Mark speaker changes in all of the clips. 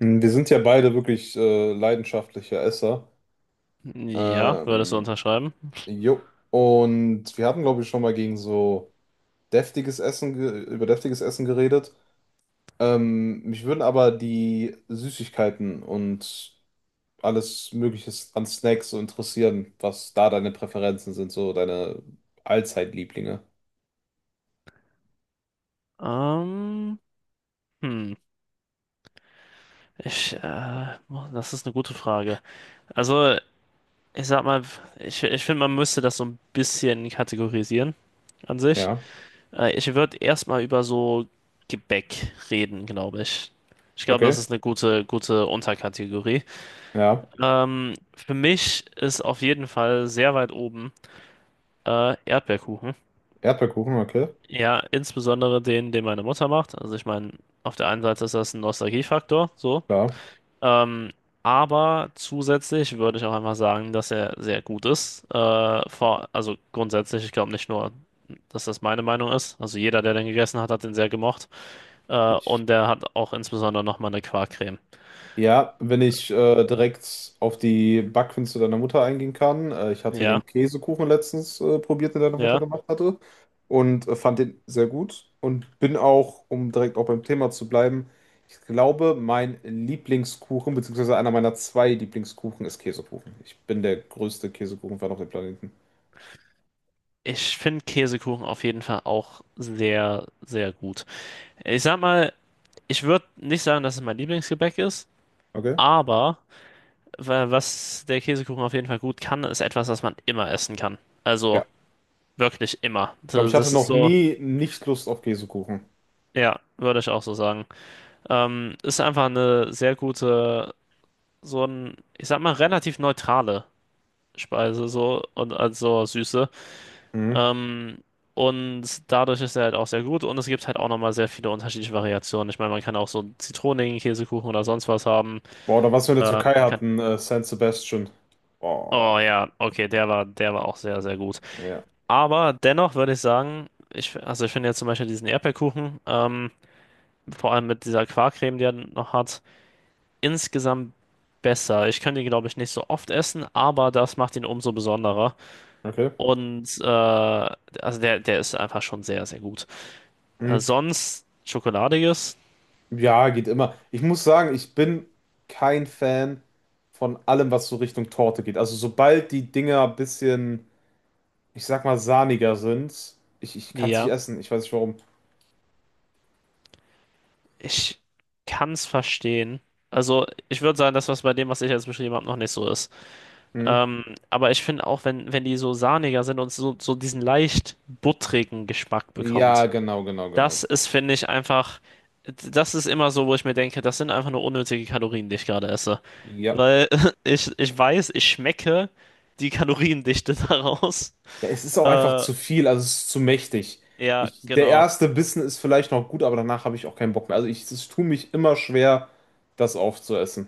Speaker 1: Wir sind ja beide wirklich leidenschaftliche Esser.
Speaker 2: Ja, würdest du
Speaker 1: Ähm,
Speaker 2: unterschreiben?
Speaker 1: Jo. Und wir hatten, glaube ich, schon mal gegen so deftiges Essen, über deftiges Essen geredet. Mich würden aber die Süßigkeiten und alles Mögliche an Snacks so interessieren, was da deine Präferenzen sind, so deine Allzeitlieblinge.
Speaker 2: Ähm, hm, das ist eine gute Frage. Also, ich sag mal, ich finde, man müsste das so ein bisschen kategorisieren an sich.
Speaker 1: Ja,
Speaker 2: Ich würde erstmal über so Gebäck reden, glaube ich. Ich glaube, das
Speaker 1: okay.
Speaker 2: ist eine gute Unterkategorie.
Speaker 1: Ja,
Speaker 2: Für mich ist auf jeden Fall sehr weit oben Erdbeerkuchen.
Speaker 1: Erdbeerkuchen, okay.
Speaker 2: Ja, insbesondere den meine Mutter macht. Also ich meine, auf der einen Seite ist das ein Nostalgiefaktor, so.
Speaker 1: Klar.
Speaker 2: Ähm, aber zusätzlich würde ich auch einfach sagen, dass er sehr gut ist. Also grundsätzlich, ich glaube nicht nur, dass das meine Meinung ist. Also jeder, der den gegessen hat, hat den sehr gemocht. Äh,
Speaker 1: Ich.
Speaker 2: und der hat auch insbesondere nochmal eine Quarkcreme.
Speaker 1: Ja, wenn ich direkt auf die Backkünste deiner Mutter eingehen kann. Ich hatte
Speaker 2: Ja,
Speaker 1: den Käsekuchen letztens probiert, den deine Mutter
Speaker 2: ja.
Speaker 1: gemacht hatte und fand den sehr gut und bin auch, um direkt auch beim Thema zu bleiben, ich glaube, mein Lieblingskuchen, beziehungsweise einer meiner zwei Lieblingskuchen ist Käsekuchen. Ich bin der größte Käsekuchenfan auf dem Planeten.
Speaker 2: Ich finde Käsekuchen auf jeden Fall auch sehr, sehr gut. Ich sag mal, ich würde nicht sagen, dass es mein Lieblingsgebäck ist,
Speaker 1: Okay.
Speaker 2: aber was der Käsekuchen auf jeden Fall gut kann, ist etwas, was man immer essen kann.
Speaker 1: Ja.
Speaker 2: Also
Speaker 1: Ich
Speaker 2: wirklich immer.
Speaker 1: glaube,
Speaker 2: Das,
Speaker 1: ich hatte
Speaker 2: das ist
Speaker 1: noch
Speaker 2: so,
Speaker 1: nie nicht Lust auf Käsekuchen.
Speaker 2: ja, würde ich auch so sagen. Ist einfach eine sehr gute, so ein, ich sag mal, relativ neutrale Speise, so und also Süße.
Speaker 1: Mhm.
Speaker 2: Ähm, und dadurch ist er halt auch sehr gut und es gibt halt auch nochmal sehr viele unterschiedliche Variationen. Ich meine, man kann auch so einen zitronigen Käsekuchen oder sonst was haben.
Speaker 1: Boah, oder was wir in der
Speaker 2: Äh,
Speaker 1: Türkei
Speaker 2: man kann,
Speaker 1: hatten, San Sebastian. Boah,
Speaker 2: oh ja, okay, der war auch sehr, sehr gut.
Speaker 1: ja.
Speaker 2: Aber dennoch würde ich sagen, ich, also ich finde jetzt zum Beispiel diesen Erdbeerkuchen, vor allem mit dieser Quarkcreme, die er noch hat, insgesamt besser. Ich könnte ihn, glaube ich, nicht so oft essen, aber das macht ihn umso besonderer.
Speaker 1: Okay.
Speaker 2: Und der ist einfach schon sehr, sehr gut. Äh,
Speaker 1: Hm,
Speaker 2: sonst Schokoladiges,
Speaker 1: Ja, geht immer. Ich muss sagen, ich bin kein Fan von allem, was so Richtung Torte geht. Also sobald die Dinger ein bisschen, ich sag mal, sahniger sind, ich kann es nicht
Speaker 2: ja,
Speaker 1: essen. Ich weiß nicht warum.
Speaker 2: ich kann es verstehen. Also ich würde sagen, das, was bei dem, was ich jetzt beschrieben habe, noch nicht so ist.
Speaker 1: Hm?
Speaker 2: Ähm, aber ich finde auch, wenn die so sahniger sind und so, so diesen leicht buttrigen Geschmack
Speaker 1: Ja,
Speaker 2: bekommt,
Speaker 1: genau, genau, genau.
Speaker 2: das ist, finde ich, einfach, das ist immer so, wo ich mir denke, das sind einfach nur unnötige Kalorien, die ich gerade esse.
Speaker 1: Ja.
Speaker 2: Weil ich weiß, ich schmecke die Kaloriendichte daraus.
Speaker 1: Ja, es ist auch einfach
Speaker 2: Äh,
Speaker 1: zu viel, also es ist zu mächtig.
Speaker 2: ja,
Speaker 1: Ich, der
Speaker 2: genau.
Speaker 1: erste Bissen ist vielleicht noch gut, aber danach habe ich auch keinen Bock mehr. Also ich, es tut mich immer schwer, das aufzuessen.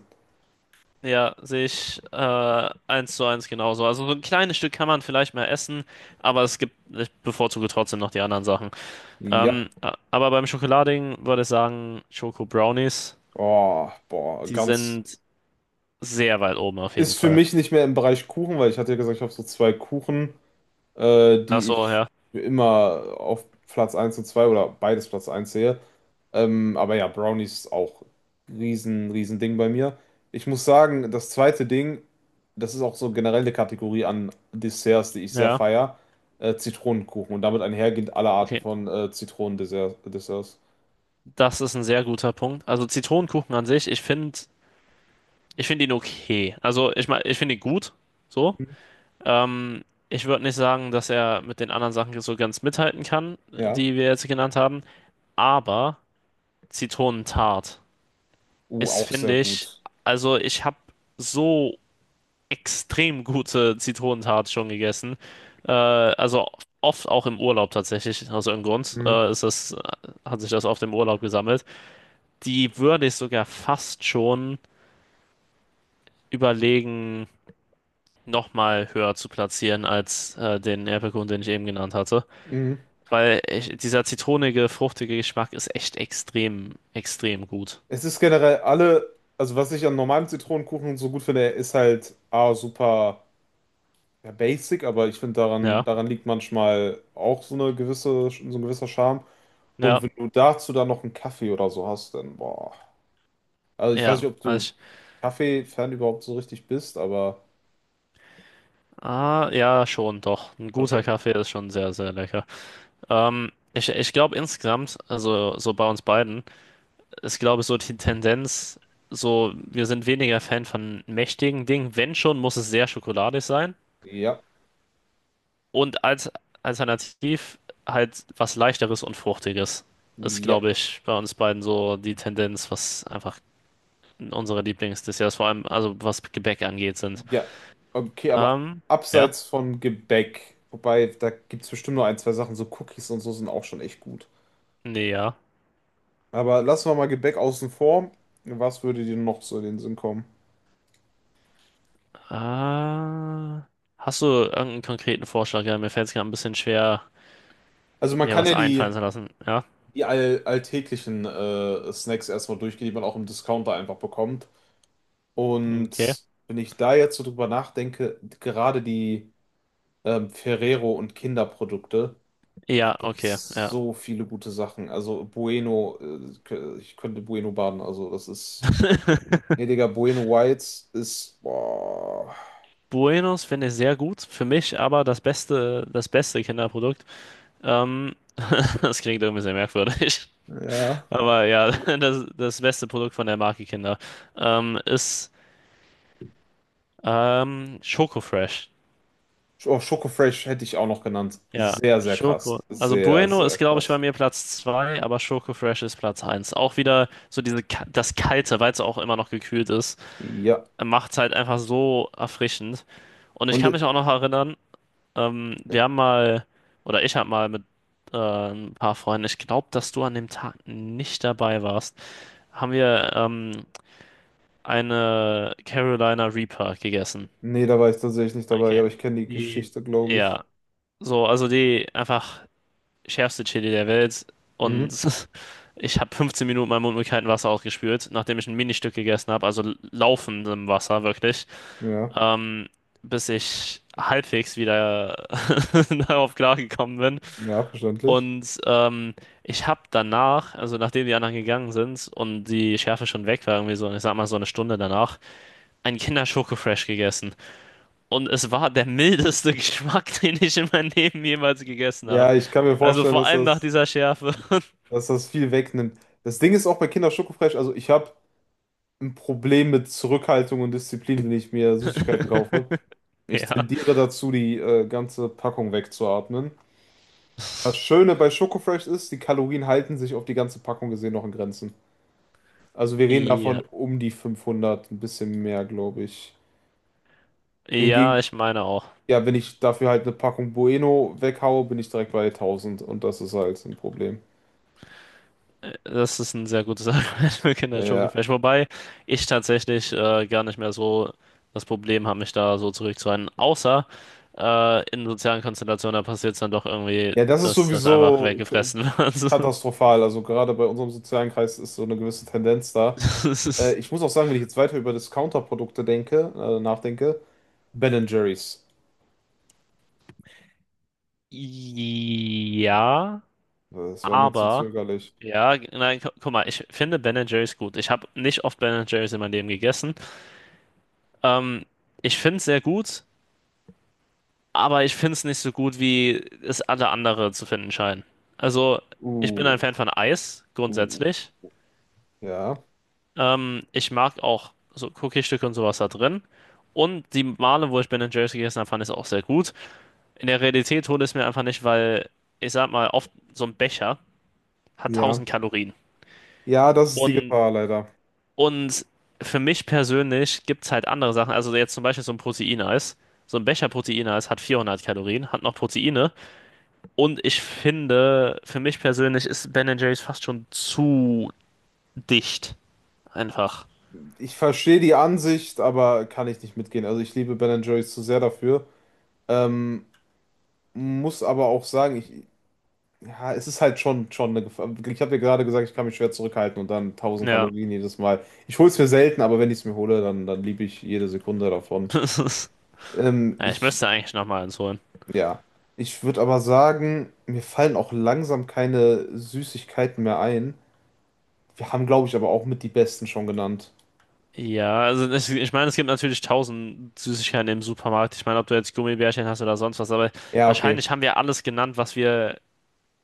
Speaker 2: Ja, sehe ich eins zu eins genauso. Also so ein kleines Stück kann man vielleicht mal essen, aber es gibt, ich bevorzuge trotzdem noch die anderen Sachen.
Speaker 1: Ja.
Speaker 2: Aber beim Schokolading würde ich sagen, Schoko Brownies,
Speaker 1: Oh, boah,
Speaker 2: die
Speaker 1: ganz.
Speaker 2: sind sehr weit oben auf jeden
Speaker 1: Ist für
Speaker 2: Fall.
Speaker 1: mich nicht mehr im Bereich Kuchen, weil ich hatte ja gesagt, ich habe so zwei Kuchen,
Speaker 2: Ach
Speaker 1: die
Speaker 2: so,
Speaker 1: ich
Speaker 2: ja.
Speaker 1: für immer auf Platz eins und 2 oder beides Platz eins sehe. Aber ja, Brownies auch riesen, riesen Ding bei mir. Ich muss sagen, das zweite Ding, das ist auch so generell eine Kategorie an Desserts, die ich sehr
Speaker 2: Ja,
Speaker 1: feier, Zitronenkuchen. Und damit einhergehend alle Arten
Speaker 2: okay.
Speaker 1: von Zitronendesserts. Desserts.
Speaker 2: Das ist ein sehr guter Punkt. Also Zitronenkuchen an sich, ich finde ihn okay. Also ich meine, ich finde ihn gut, so.
Speaker 1: Mhm.
Speaker 2: Ähm, ich würde nicht sagen, dass er mit den anderen Sachen so ganz mithalten kann,
Speaker 1: Ja,
Speaker 2: die wir jetzt genannt haben. Aber Zitronentart ist,
Speaker 1: auch sehr
Speaker 2: finde ich,
Speaker 1: gut.
Speaker 2: also ich habe so extrem gute Zitronentat schon gegessen. Also oft auch im Urlaub tatsächlich, aus irgendeinem Grund.
Speaker 1: Mhm.
Speaker 2: Hat sich das oft im Urlaub gesammelt. Die würde ich sogar fast schon überlegen, nochmal höher zu platzieren als den Erdbeerkuchen, den ich eben genannt hatte.
Speaker 1: Mhm.
Speaker 2: Weil ich, dieser zitronige, fruchtige Geschmack ist echt extrem, extrem gut.
Speaker 1: Es ist generell alle, also was ich an normalem Zitronenkuchen so gut finde, er ist halt A, super ja, basic, aber ich finde daran,
Speaker 2: Ja,
Speaker 1: daran liegt manchmal auch so eine gewisse, so ein gewisser Charme. Und
Speaker 2: ja,
Speaker 1: wenn du dazu dann noch einen Kaffee oder so hast, dann boah. Also ich weiß
Speaker 2: ja.
Speaker 1: nicht, ob du
Speaker 2: Also ich,
Speaker 1: Kaffee-Fan überhaupt so richtig bist, aber
Speaker 2: ah, ja, schon, doch. Ein guter
Speaker 1: okay.
Speaker 2: Kaffee ist schon sehr, sehr lecker. Ich glaube insgesamt, also so bei uns beiden, ist glaube ich so die Tendenz, so wir sind weniger Fan von mächtigen Dingen. Wenn schon, muss es sehr schokoladig sein.
Speaker 1: Ja,
Speaker 2: Und als alternativ halt was Leichteres und Fruchtiges. Ist
Speaker 1: ja,
Speaker 2: glaube ich bei uns beiden so die Tendenz, was einfach unsere Lieblingsdesserts, vor allem also was Gebäck angeht, sind.
Speaker 1: ja. Okay, aber
Speaker 2: Ähm, ja,
Speaker 1: abseits von Gebäck, wobei da gibt es bestimmt nur ein, zwei Sachen, so Cookies und so sind auch schon echt gut.
Speaker 2: ja.
Speaker 1: Aber lassen wir mal Gebäck außen vor. Was würde dir noch so in den Sinn kommen?
Speaker 2: Äh, hast du irgendeinen konkreten Vorschlag? Ja, mir fällt es gerade ein bisschen schwer,
Speaker 1: Also man
Speaker 2: mir
Speaker 1: kann
Speaker 2: was
Speaker 1: ja
Speaker 2: einfallen
Speaker 1: die,
Speaker 2: zu lassen. Ja,
Speaker 1: die all, alltäglichen Snacks erstmal durchgehen, die man auch im Discounter einfach bekommt.
Speaker 2: okay.
Speaker 1: Und wenn ich da jetzt so drüber nachdenke, gerade die Ferrero und Kinderprodukte, da
Speaker 2: Ja,
Speaker 1: gibt
Speaker 2: okay,
Speaker 1: es
Speaker 2: ja.
Speaker 1: so viele gute Sachen. Also Bueno, ich könnte Bueno baden. Also das ist, gnädiger Bueno Whites ist, boah,
Speaker 2: Buenos finde ich sehr gut. Für mich aber das beste Kinderprodukt. Ähm, Das klingt irgendwie sehr merkwürdig.
Speaker 1: ja.
Speaker 2: Aber ja, das, das beste Produkt von der Marke Kinder ist Schoko Fresh.
Speaker 1: Oh, Schoko Fresh hätte ich auch noch genannt.
Speaker 2: Ja,
Speaker 1: Sehr, sehr
Speaker 2: Schoko.
Speaker 1: krass.
Speaker 2: Also
Speaker 1: Sehr,
Speaker 2: Bueno
Speaker 1: sehr
Speaker 2: ist, glaube ich, bei
Speaker 1: krass.
Speaker 2: mir Platz 2, aber Schoko Fresh ist Platz eins. Auch wieder so diese, das Kalte, weil es auch immer noch gekühlt ist,
Speaker 1: Ja.
Speaker 2: macht es halt einfach so erfrischend. Und ich
Speaker 1: Und
Speaker 2: kann mich auch noch erinnern, wir haben mal, oder ich habe mal mit ein paar Freunden, ich glaube, dass du an dem Tag nicht dabei warst, haben wir eine Carolina Reaper gegessen.
Speaker 1: nee, da war ich tatsächlich nicht dabei,
Speaker 2: Okay.
Speaker 1: aber ich kenne die
Speaker 2: Die,
Speaker 1: Geschichte, glaube ich.
Speaker 2: Ja, so, also die einfach schärfste Chili der Welt. Und
Speaker 1: Mhm.
Speaker 2: ich habe 15 Minuten meinen Mund mit kaltem Wasser ausgespült, nachdem ich ein Ministück gegessen habe, also laufendem Wasser wirklich,
Speaker 1: Ja.
Speaker 2: ähm, bis ich halbwegs wieder darauf klargekommen bin.
Speaker 1: Ja, verständlich.
Speaker 2: Und ähm, ich habe danach, also nachdem die anderen gegangen sind und die Schärfe schon weg war, irgendwie so, ich sag mal so eine Stunde danach, einen Kinder-Schoko-Fresh gegessen. Und es war der mildeste Geschmack, den ich in meinem Leben jemals gegessen habe.
Speaker 1: Ja, ich kann mir
Speaker 2: Also
Speaker 1: vorstellen,
Speaker 2: vor allem nach dieser Schärfe.
Speaker 1: dass das viel wegnimmt. Das Ding ist auch bei Kinder Schoko Fresh, also ich habe ein Problem mit Zurückhaltung und Disziplin, wenn ich mir Süßigkeiten kaufe. Ich
Speaker 2: Ja.
Speaker 1: tendiere dazu, die ganze Packung wegzuatmen. Das Schöne bei Schoko Fresh ist, die Kalorien halten sich auf die ganze Packung gesehen noch in Grenzen. Also wir reden davon
Speaker 2: Ja.
Speaker 1: um die 500, ein bisschen mehr, glaube ich. Hingegen,
Speaker 2: Ja, ich meine auch.
Speaker 1: ja, wenn ich dafür halt eine Packung Bueno weghaue, bin ich direkt bei 1000 und das ist halt ein Problem.
Speaker 2: Das ist ein sehr gutes Argument für
Speaker 1: Ja,
Speaker 2: Kinder-Schokofleisch. Wobei ich tatsächlich gar nicht mehr so das Problem habe, mich da so zurückzuhalten. Außer in sozialen Konstellationen, da passiert es dann doch irgendwie,
Speaker 1: ja, das ist
Speaker 2: dass das einfach
Speaker 1: sowieso
Speaker 2: weggefressen wird.
Speaker 1: katastrophal. Also gerade bei unserem sozialen Kreis ist so eine gewisse Tendenz da.
Speaker 2: So. Das ist,
Speaker 1: Ich muss auch sagen, wenn ich jetzt weiter über Discounter-Produkte denke, nachdenke, Ben and Jerry's.
Speaker 2: ja,
Speaker 1: Das war mir zu
Speaker 2: aber.
Speaker 1: zögerlich.
Speaker 2: Ja, g- nein, gu Guck mal, ich finde Ben Jerry's gut. Ich habe nicht oft Ben Jerry's in meinem Leben gegessen. Ähm, ich finde es sehr gut, aber ich finde es nicht so gut, wie es alle anderen zu finden scheinen. Also, ich bin ein Fan
Speaker 1: Uh,
Speaker 2: von Eis,
Speaker 1: uh,
Speaker 2: grundsätzlich.
Speaker 1: ja,
Speaker 2: Ich mag auch so Cookie-Stücke und sowas da drin. Und die Male, wo ich Ben and Jerry's gegessen habe, fand ich es auch sehr gut. In der Realität hole ich es mir einfach nicht, weil ich sag mal, oft so ein Becher hat
Speaker 1: ja.
Speaker 2: 1.000 Kalorien.
Speaker 1: Ja, das ist die
Speaker 2: Und,
Speaker 1: Gefahr leider.
Speaker 2: und für mich persönlich gibt es halt andere Sachen. Also, jetzt zum Beispiel so ein Proteineis. So ein Becher Proteineis hat 400 Kalorien, hat noch Proteine. Und ich finde, für mich persönlich ist Ben Jerry's fast schon zu dicht. Einfach.
Speaker 1: Ich verstehe die Ansicht, aber kann ich nicht mitgehen. Also ich liebe Ben and Jerry's zu sehr dafür. Ähm, Muss aber auch sagen, ich, ja, es ist halt schon, schon eine Gefahr. Ich habe dir gerade gesagt, ich kann mich schwer zurückhalten und dann tausend
Speaker 2: Ja.
Speaker 1: Kalorien jedes Mal. Ich hole es mir selten, aber wenn ich es mir hole, dann, dann liebe ich jede Sekunde davon.
Speaker 2: Ja, ich
Speaker 1: Ich,
Speaker 2: müsste eigentlich nochmal eins holen.
Speaker 1: ja. Ich würde aber sagen, mir fallen auch langsam keine Süßigkeiten mehr ein. Wir haben, glaube ich, aber auch mit die besten schon genannt.
Speaker 2: Ich meine, es gibt natürlich 1.000 Süßigkeiten im Supermarkt. Ich meine, ob du jetzt Gummibärchen hast oder sonst was, aber
Speaker 1: Ja, okay.
Speaker 2: wahrscheinlich haben wir alles genannt, was wir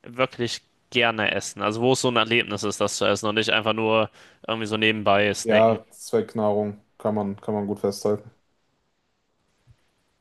Speaker 2: wirklich gerne essen. Also wo es so ein Erlebnis ist, das zu essen und nicht einfach nur irgendwie so nebenbei snacken.
Speaker 1: Ja, Zweckknahrung kann man gut festhalten.